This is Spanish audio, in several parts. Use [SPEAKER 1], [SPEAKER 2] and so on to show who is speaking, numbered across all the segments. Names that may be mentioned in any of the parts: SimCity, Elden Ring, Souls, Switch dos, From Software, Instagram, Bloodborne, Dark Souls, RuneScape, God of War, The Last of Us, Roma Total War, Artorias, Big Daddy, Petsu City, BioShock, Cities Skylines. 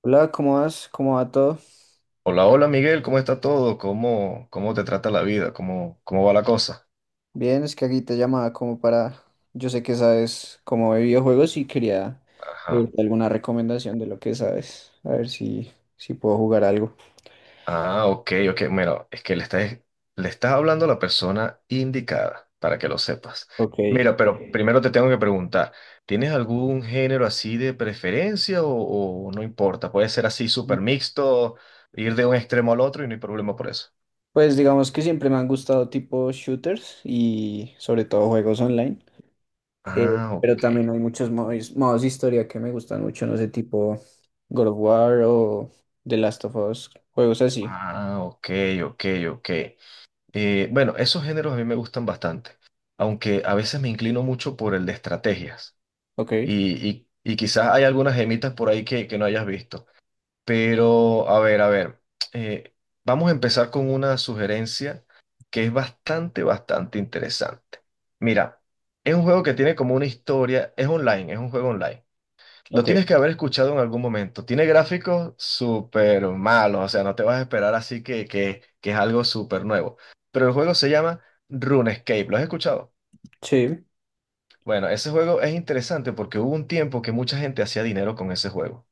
[SPEAKER 1] Hola, ¿cómo vas? ¿Cómo va todo?
[SPEAKER 2] Hola, hola Miguel, ¿cómo está todo? ¿Cómo te trata la vida? ¿Cómo va la cosa?
[SPEAKER 1] Bien, es que aquí te llamaba como para... Yo sé que sabes cómo de videojuegos y quería
[SPEAKER 2] Ajá.
[SPEAKER 1] pedirte alguna recomendación de lo que sabes. A ver si puedo jugar algo.
[SPEAKER 2] Ah, ok, ok. Mira, es que le estás hablando a la persona indicada, para que lo sepas.
[SPEAKER 1] Ok.
[SPEAKER 2] Mira, pero primero te tengo que preguntar, ¿tienes algún género así de preferencia o no importa? Puede ser así súper mixto, ir de un extremo al otro y no hay problema por eso.
[SPEAKER 1] Pues digamos que siempre me han gustado tipo shooters y sobre todo juegos online. Eh,
[SPEAKER 2] Ah,
[SPEAKER 1] pero
[SPEAKER 2] ok.
[SPEAKER 1] también hay muchos modos de historia que me gustan mucho, no sé, tipo God of War o The Last of Us, juegos así.
[SPEAKER 2] Ah, ok, ok, ok. Bueno, esos géneros a mí me gustan bastante, aunque a veces me inclino mucho por el de estrategias
[SPEAKER 1] Ok,
[SPEAKER 2] y quizás hay algunas gemitas por ahí que no hayas visto. Pero, a ver, eh, vamos a empezar con una sugerencia que es bastante interesante. Mira, es un juego que tiene como una historia, es online, es un juego online. Lo
[SPEAKER 1] ok.
[SPEAKER 2] tienes que haber escuchado en algún momento. Tiene gráficos súper malos, o sea, no te vas a esperar así que es algo súper nuevo. Pero el juego se llama RuneScape, ¿lo has escuchado?
[SPEAKER 1] Sí,
[SPEAKER 2] Bueno, ese juego es interesante porque hubo un tiempo que mucha gente hacía dinero con ese juego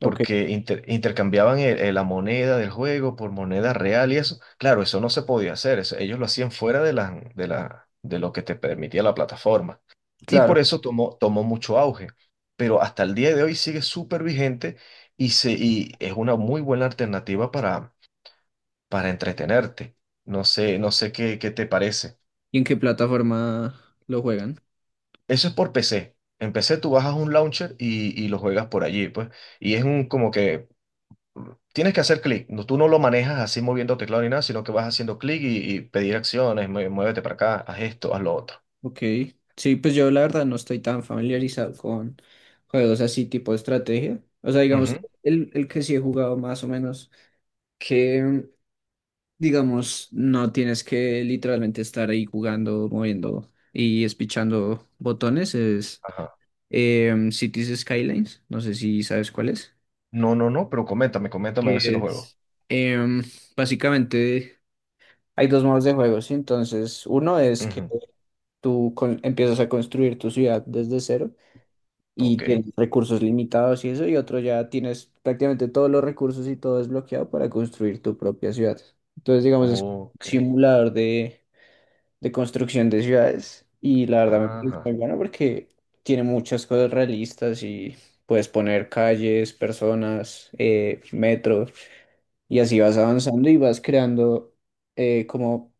[SPEAKER 1] ok,
[SPEAKER 2] porque intercambiaban la moneda del juego por moneda real y eso. Claro, eso no se podía hacer, eso ellos lo hacían fuera de de lo que te permitía la plataforma. Y por
[SPEAKER 1] claro.
[SPEAKER 2] eso tomó mucho auge, pero hasta el día de hoy sigue súper vigente y es una muy buena alternativa para entretenerte. No sé qué te parece.
[SPEAKER 1] ¿Y en qué plataforma lo juegan?
[SPEAKER 2] Eso es por PC. En PC tú bajas un launcher y lo juegas por allí, pues. Y es un como que tienes que hacer clic, no, tú no lo manejas así moviendo teclado ni nada, sino que vas haciendo clic y pedir acciones, muévete para acá, haz esto, haz lo otro.
[SPEAKER 1] Ok. Sí, pues yo la verdad no estoy tan familiarizado con juegos así tipo de estrategia. O sea, digamos,
[SPEAKER 2] Ujú,
[SPEAKER 1] el que sí he jugado más o menos, que digamos, no tienes que literalmente estar ahí jugando, moviendo y espichando botones, es
[SPEAKER 2] ajá.
[SPEAKER 1] Cities Skylines. No sé si sabes cuál es.
[SPEAKER 2] No, no, no, pero coméntame, coméntame a ver si
[SPEAKER 1] Que
[SPEAKER 2] lo juego.
[SPEAKER 1] es, em, básicamente hay dos modos de juego, ¿sí? Entonces, uno es que
[SPEAKER 2] Ujú.
[SPEAKER 1] empiezas a construir tu ciudad desde cero y
[SPEAKER 2] Ok,
[SPEAKER 1] tienes recursos limitados y eso, y otro ya tienes prácticamente todos los recursos y todo desbloqueado para construir tu propia ciudad. Entonces, digamos, es un
[SPEAKER 2] ok,
[SPEAKER 1] simulador de construcción de ciudades y la verdad me parece muy
[SPEAKER 2] ajá.
[SPEAKER 1] bueno porque tiene muchas cosas realistas y puedes poner calles, personas, metros y así vas avanzando y vas creando como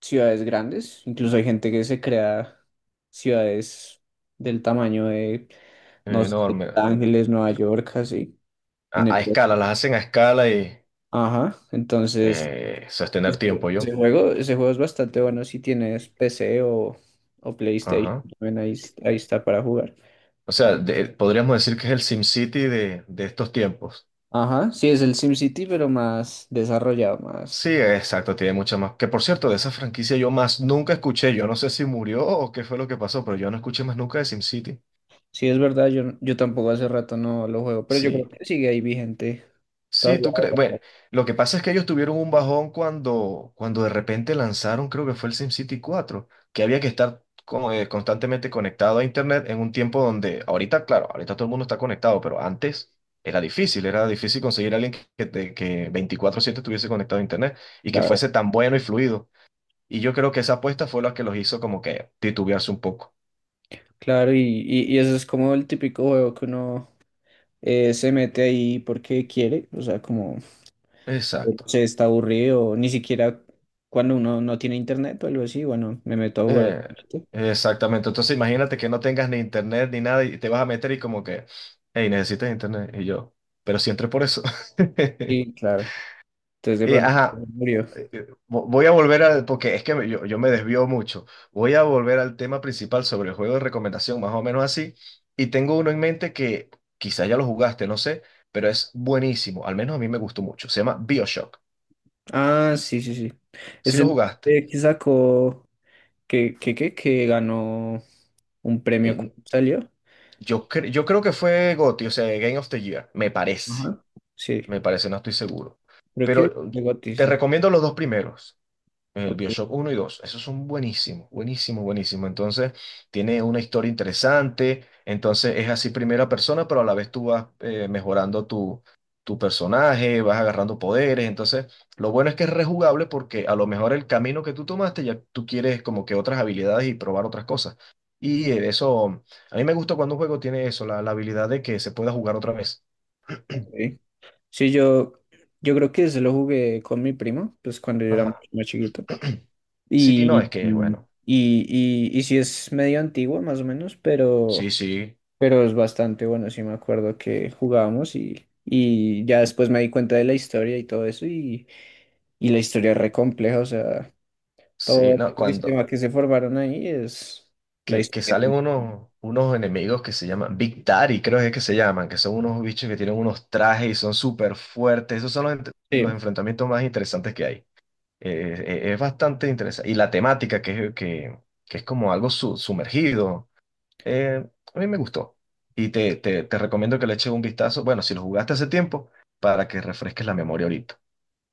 [SPEAKER 1] ciudades grandes. Incluso hay gente que se crea ciudades del tamaño de, no sé, Los
[SPEAKER 2] Enorme.
[SPEAKER 1] Ángeles, Nueva York, así. En
[SPEAKER 2] A
[SPEAKER 1] el...
[SPEAKER 2] escala, las hacen a escala y
[SPEAKER 1] Ajá, entonces
[SPEAKER 2] sostener tiempo yo.
[SPEAKER 1] ese juego es bastante bueno si tienes PC o PlayStation,
[SPEAKER 2] Ajá.
[SPEAKER 1] también ahí, ahí está para jugar.
[SPEAKER 2] O sea, de- podríamos decir que es el SimCity de estos tiempos.
[SPEAKER 1] Ajá, sí, es el SimCity, pero más desarrollado,
[SPEAKER 2] Sí,
[SPEAKER 1] más...
[SPEAKER 2] exacto, tiene mucha más. Que por cierto, de esa franquicia yo más nunca escuché. Yo no sé si murió o qué fue lo que pasó, pero yo no escuché más nunca de SimCity.
[SPEAKER 1] Sí, es verdad, yo tampoco hace rato no lo juego, pero yo
[SPEAKER 2] Sí,
[SPEAKER 1] creo que sigue ahí vigente
[SPEAKER 2] sí,
[SPEAKER 1] todavía.
[SPEAKER 2] tú crees. Bueno, lo que pasa es que ellos tuvieron un bajón cuando de repente lanzaron, creo que fue el SimCity 4, que había que estar como, constantemente conectado a Internet en un tiempo donde, ahorita, claro, ahorita todo el mundo está conectado, pero antes era difícil conseguir a alguien que 24/7 estuviese conectado a Internet y que fuese tan bueno y fluido. Y yo creo que esa apuesta fue la que los hizo como que titubearse un poco.
[SPEAKER 1] Claro, y eso es como el típico juego que uno se mete ahí porque quiere, o sea, como
[SPEAKER 2] Exacto.
[SPEAKER 1] se está aburrido, o ni siquiera cuando uno no tiene internet o algo así, bueno, me meto a jugar.
[SPEAKER 2] Eh,
[SPEAKER 1] ¿Viste?
[SPEAKER 2] exactamente. Entonces imagínate que no tengas ni internet ni nada y te vas a meter y como que, hey, necesitas internet. Y yo, pero si entré por eso.
[SPEAKER 1] Sí, claro. Entonces de
[SPEAKER 2] Y,
[SPEAKER 1] pronto
[SPEAKER 2] ajá,
[SPEAKER 1] murió.
[SPEAKER 2] voy a volver al, porque es que me- yo me desvío mucho. Voy a volver al tema principal sobre el juego de recomendación, más o menos así. Y tengo uno en mente que quizá ya lo jugaste, no sé, pero es buenísimo. Al menos a mí me gustó mucho. Se llama BioShock.
[SPEAKER 1] Ah, sí, sí, sí.
[SPEAKER 2] Si
[SPEAKER 1] Ese
[SPEAKER 2] lo jugaste.
[SPEAKER 1] que sacó, que ganó un premio,
[SPEAKER 2] Eh,
[SPEAKER 1] ¿cómo salió?
[SPEAKER 2] Yo creo que fue GOTY, o sea, Game of the Year,
[SPEAKER 1] Ajá. Sí,
[SPEAKER 2] me parece, no estoy seguro.
[SPEAKER 1] creo
[SPEAKER 2] Pero
[SPEAKER 1] que de Gotti,
[SPEAKER 2] te
[SPEAKER 1] sí.
[SPEAKER 2] recomiendo los dos primeros. El
[SPEAKER 1] Ok,
[SPEAKER 2] BioShock uno y 2 esos son buenísimos, buenísimos, buenísimos. Entonces, tiene una historia interesante. Entonces, es así primera persona, pero a la vez tú vas mejorando tu personaje, vas agarrando poderes. Entonces, lo bueno es que es rejugable porque a lo mejor el camino que tú tomaste ya tú quieres como que otras habilidades y probar otras cosas. Y a mí me gusta cuando un juego tiene eso, la habilidad de que se pueda jugar otra vez.
[SPEAKER 1] ok. Sí, yo, yo creo que se lo jugué con mi primo, pues cuando yo era mucho
[SPEAKER 2] Ajá.
[SPEAKER 1] más chiquito.
[SPEAKER 2] Sí, no, es
[SPEAKER 1] Y,
[SPEAKER 2] que, es
[SPEAKER 1] y,
[SPEAKER 2] bueno,
[SPEAKER 1] y sí es medio antiguo, más o menos,
[SPEAKER 2] sí, sí,
[SPEAKER 1] pero es bastante bueno. Sí me acuerdo que jugábamos y ya después me di cuenta de la historia y todo eso. Y la historia es re compleja, o sea,
[SPEAKER 2] sí,
[SPEAKER 1] todo
[SPEAKER 2] no,
[SPEAKER 1] el
[SPEAKER 2] cuando,
[SPEAKER 1] sistema que se formaron ahí es la
[SPEAKER 2] que
[SPEAKER 1] historia.
[SPEAKER 2] salen unos enemigos que se llaman Big Daddy, creo que es que se llaman, que son unos bichos que tienen unos trajes y son súper fuertes. Esos son los, ent- los
[SPEAKER 1] Sí,
[SPEAKER 2] enfrentamientos más interesantes que hay. Es bastante interesante. Y la temática, que es como algo sumergido, eh, a mí me gustó. Y te recomiendo que le eches un vistazo, bueno, si lo jugaste hace tiempo, para que refresques la memoria ahorita.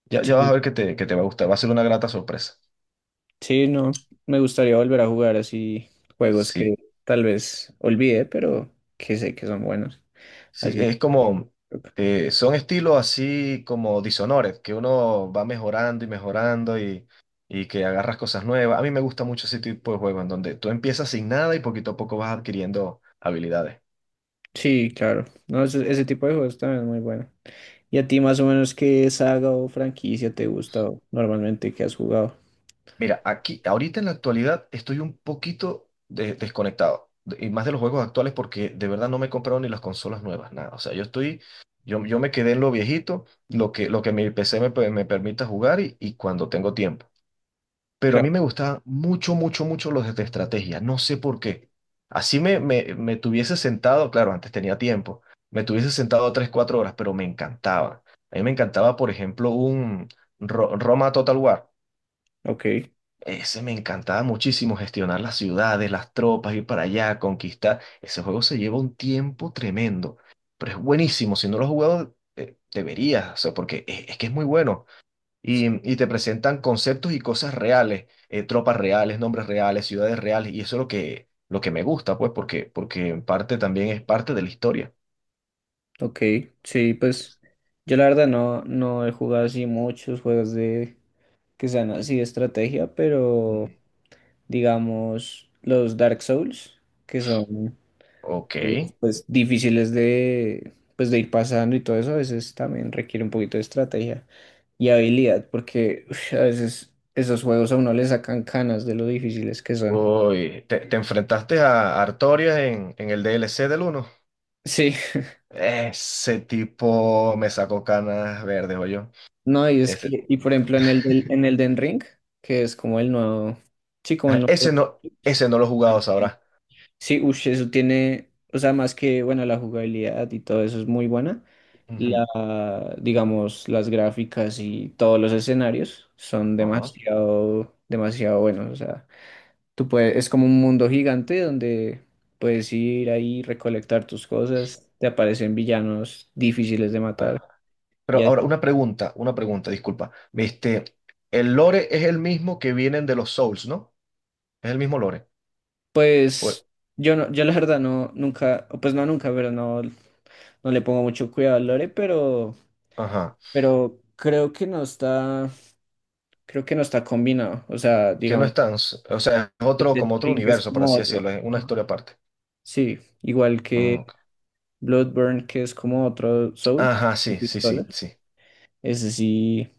[SPEAKER 2] Ya vas
[SPEAKER 1] sí,
[SPEAKER 2] a ver que te va a gustar, va a ser una grata sorpresa.
[SPEAKER 1] sí, no, me gustaría volver a jugar así juegos que
[SPEAKER 2] Sí.
[SPEAKER 1] tal vez olvidé, pero que sé que son buenos.
[SPEAKER 2] Sí,
[SPEAKER 1] Así.
[SPEAKER 2] es como, son estilos así como disonores, que uno va mejorando y mejorando y que agarras cosas nuevas. A mí me gusta mucho ese tipo de juego en donde tú empiezas sin nada y poquito a poco vas adquiriendo habilidades.
[SPEAKER 1] Sí, claro. No, ese tipo de juegos también es muy bueno. ¿Y a ti más o menos qué saga o franquicia te gusta o normalmente que has jugado?
[SPEAKER 2] Mira, aquí, ahorita en la actualidad estoy un poquito desconectado, de- y más de los juegos actuales porque de verdad no me he comprado ni las consolas nuevas, nada. O sea, yo estoy, yo me quedé en lo viejito, lo que mi PC me, pe- me permita jugar y cuando tengo tiempo. Pero a
[SPEAKER 1] Claro.
[SPEAKER 2] mí me gustaban mucho los de estrategia, no sé por qué. Así me tuviese sentado, claro, antes tenía tiempo, me tuviese sentado tres, cuatro horas, pero me encantaba. A mí me encantaba, por ejemplo, un Roma Total War.
[SPEAKER 1] Ok,
[SPEAKER 2] Ese me encantaba muchísimo, gestionar las ciudades, las tropas, ir para allá, conquistar. Ese juego se lleva un tiempo tremendo, pero es buenísimo. Si no lo has jugado, deberías, o sea, porque es que es muy bueno. Y te presentan conceptos y cosas reales, tropas reales, nombres reales, ciudades reales, y eso es lo que me gusta, pues, porque en parte también es parte de la historia.
[SPEAKER 1] ok. Sí, pues yo la verdad no he jugado así muchos juegos de que sean así de estrategia, pero
[SPEAKER 2] Ujú.
[SPEAKER 1] digamos los Dark Souls, que son
[SPEAKER 2] Ok.
[SPEAKER 1] pues difíciles de, pues, de ir pasando y todo eso, a veces también requiere un poquito de estrategia y habilidad, porque uf, a veces esos juegos a uno le sacan canas de lo difíciles que son.
[SPEAKER 2] Uy, te enfrentaste a Artorias en el DLC del uno.
[SPEAKER 1] Sí,
[SPEAKER 2] Ese tipo me sacó canas verdes, yo.
[SPEAKER 1] no, y es
[SPEAKER 2] Ese,
[SPEAKER 1] que, y por ejemplo en el, en el Den Ring, que es como el nuevo, sí, como el nuevo,
[SPEAKER 2] ese no lo he jugado, sabrá.
[SPEAKER 1] sí, ush, eso tiene, o sea, más que, bueno, la jugabilidad y todo eso es muy buena.
[SPEAKER 2] Ujú.
[SPEAKER 1] La, digamos, las gráficas y todos los escenarios son demasiado, demasiado buenos. O sea, tú puedes, es como un mundo gigante donde puedes ir ahí, recolectar tus cosas, te aparecen villanos difíciles de matar.
[SPEAKER 2] Ajá.
[SPEAKER 1] Y
[SPEAKER 2] Pero ahora
[SPEAKER 1] así,
[SPEAKER 2] una pregunta, disculpa. Este, el lore es el mismo que vienen de los Souls, ¿no? Es el mismo lore. O-
[SPEAKER 1] pues, yo la verdad no, nunca, pues no nunca, pero no, no le pongo mucho cuidado al lore,
[SPEAKER 2] ajá.
[SPEAKER 1] pero creo que no está. Creo que no está combinado. O sea,
[SPEAKER 2] Que no
[SPEAKER 1] digamos,
[SPEAKER 2] están, s- o sea, es
[SPEAKER 1] el
[SPEAKER 2] otro,
[SPEAKER 1] del
[SPEAKER 2] como otro
[SPEAKER 1] Ring es
[SPEAKER 2] universo, por
[SPEAKER 1] como
[SPEAKER 2] así
[SPEAKER 1] otro.
[SPEAKER 2] decirlo, es una
[SPEAKER 1] Ajá.
[SPEAKER 2] historia aparte.
[SPEAKER 1] Sí, igual
[SPEAKER 2] Ah,
[SPEAKER 1] que
[SPEAKER 2] ok.
[SPEAKER 1] Bloodburn, que es como otro Soul,
[SPEAKER 2] Ajá,
[SPEAKER 1] con
[SPEAKER 2] sí, sí,
[SPEAKER 1] pistola.
[SPEAKER 2] sí, sí.
[SPEAKER 1] Ese sí,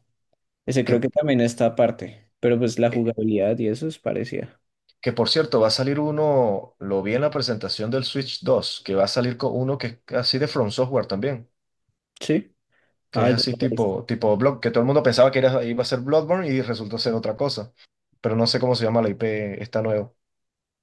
[SPEAKER 1] ese
[SPEAKER 2] Que,
[SPEAKER 1] creo que también está aparte. Pero pues la
[SPEAKER 2] eh,
[SPEAKER 1] jugabilidad y eso es parecida.
[SPEAKER 2] que por cierto, va a salir uno, lo vi en la presentación del Switch dos que va a salir con uno que es así de From Software también,
[SPEAKER 1] Sí.
[SPEAKER 2] que
[SPEAKER 1] Ah,
[SPEAKER 2] es
[SPEAKER 1] ese
[SPEAKER 2] así
[SPEAKER 1] no lo he visto.
[SPEAKER 2] tipo Blood, que todo el mundo pensaba que era, iba a ser Bloodborne y resultó ser otra cosa. Pero no sé cómo se llama la IP, está nueva.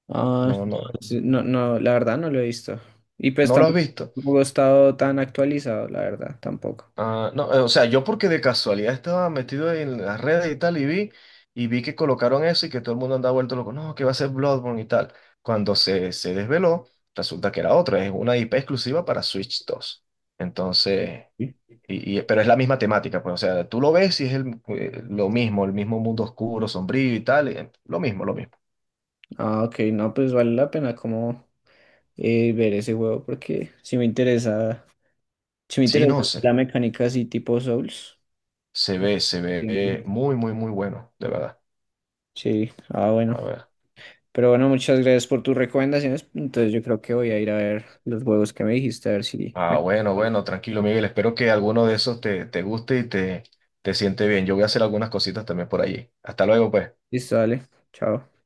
[SPEAKER 1] Ah,
[SPEAKER 2] No, no,
[SPEAKER 1] sí, no, no, la verdad no lo he visto. Y pues
[SPEAKER 2] no lo has visto.
[SPEAKER 1] tampoco he estado tan actualizado, la verdad, tampoco.
[SPEAKER 2] Ah, no, o sea, yo porque de casualidad estaba metido en las redes y tal y vi que colocaron eso y que todo el mundo andaba vuelto loco, no, que va a ser Bloodborne y tal. Cuando se desveló, resulta que era otra, es una IP exclusiva para Switch dos. Entonces,
[SPEAKER 1] Sí.
[SPEAKER 2] pero es la misma temática, pues, o sea, tú lo ves y es el, lo mismo, el mismo mundo oscuro, sombrío y tal, y, lo mismo, lo mismo.
[SPEAKER 1] Ah, ok, no, pues vale la pena como ver ese juego porque sí me interesa. Si me
[SPEAKER 2] Sí,
[SPEAKER 1] interesa
[SPEAKER 2] no
[SPEAKER 1] así
[SPEAKER 2] sé,
[SPEAKER 1] la mecánica así tipo Souls.
[SPEAKER 2] se ve
[SPEAKER 1] Entiendo.
[SPEAKER 2] muy bueno, de verdad.
[SPEAKER 1] Sí, ah, bueno.
[SPEAKER 2] A ver.
[SPEAKER 1] Pero bueno, muchas gracias por tus recomendaciones. Entonces yo creo que voy a ir a ver los juegos que me dijiste, a ver si
[SPEAKER 2] Ah,
[SPEAKER 1] me...
[SPEAKER 2] bueno, bueno, tranquilo, Miguel. Espero que alguno de esos te guste y te siente bien. Yo voy a hacer algunas cositas también por allí. Hasta luego, pues.
[SPEAKER 1] Listo, dale. Chao.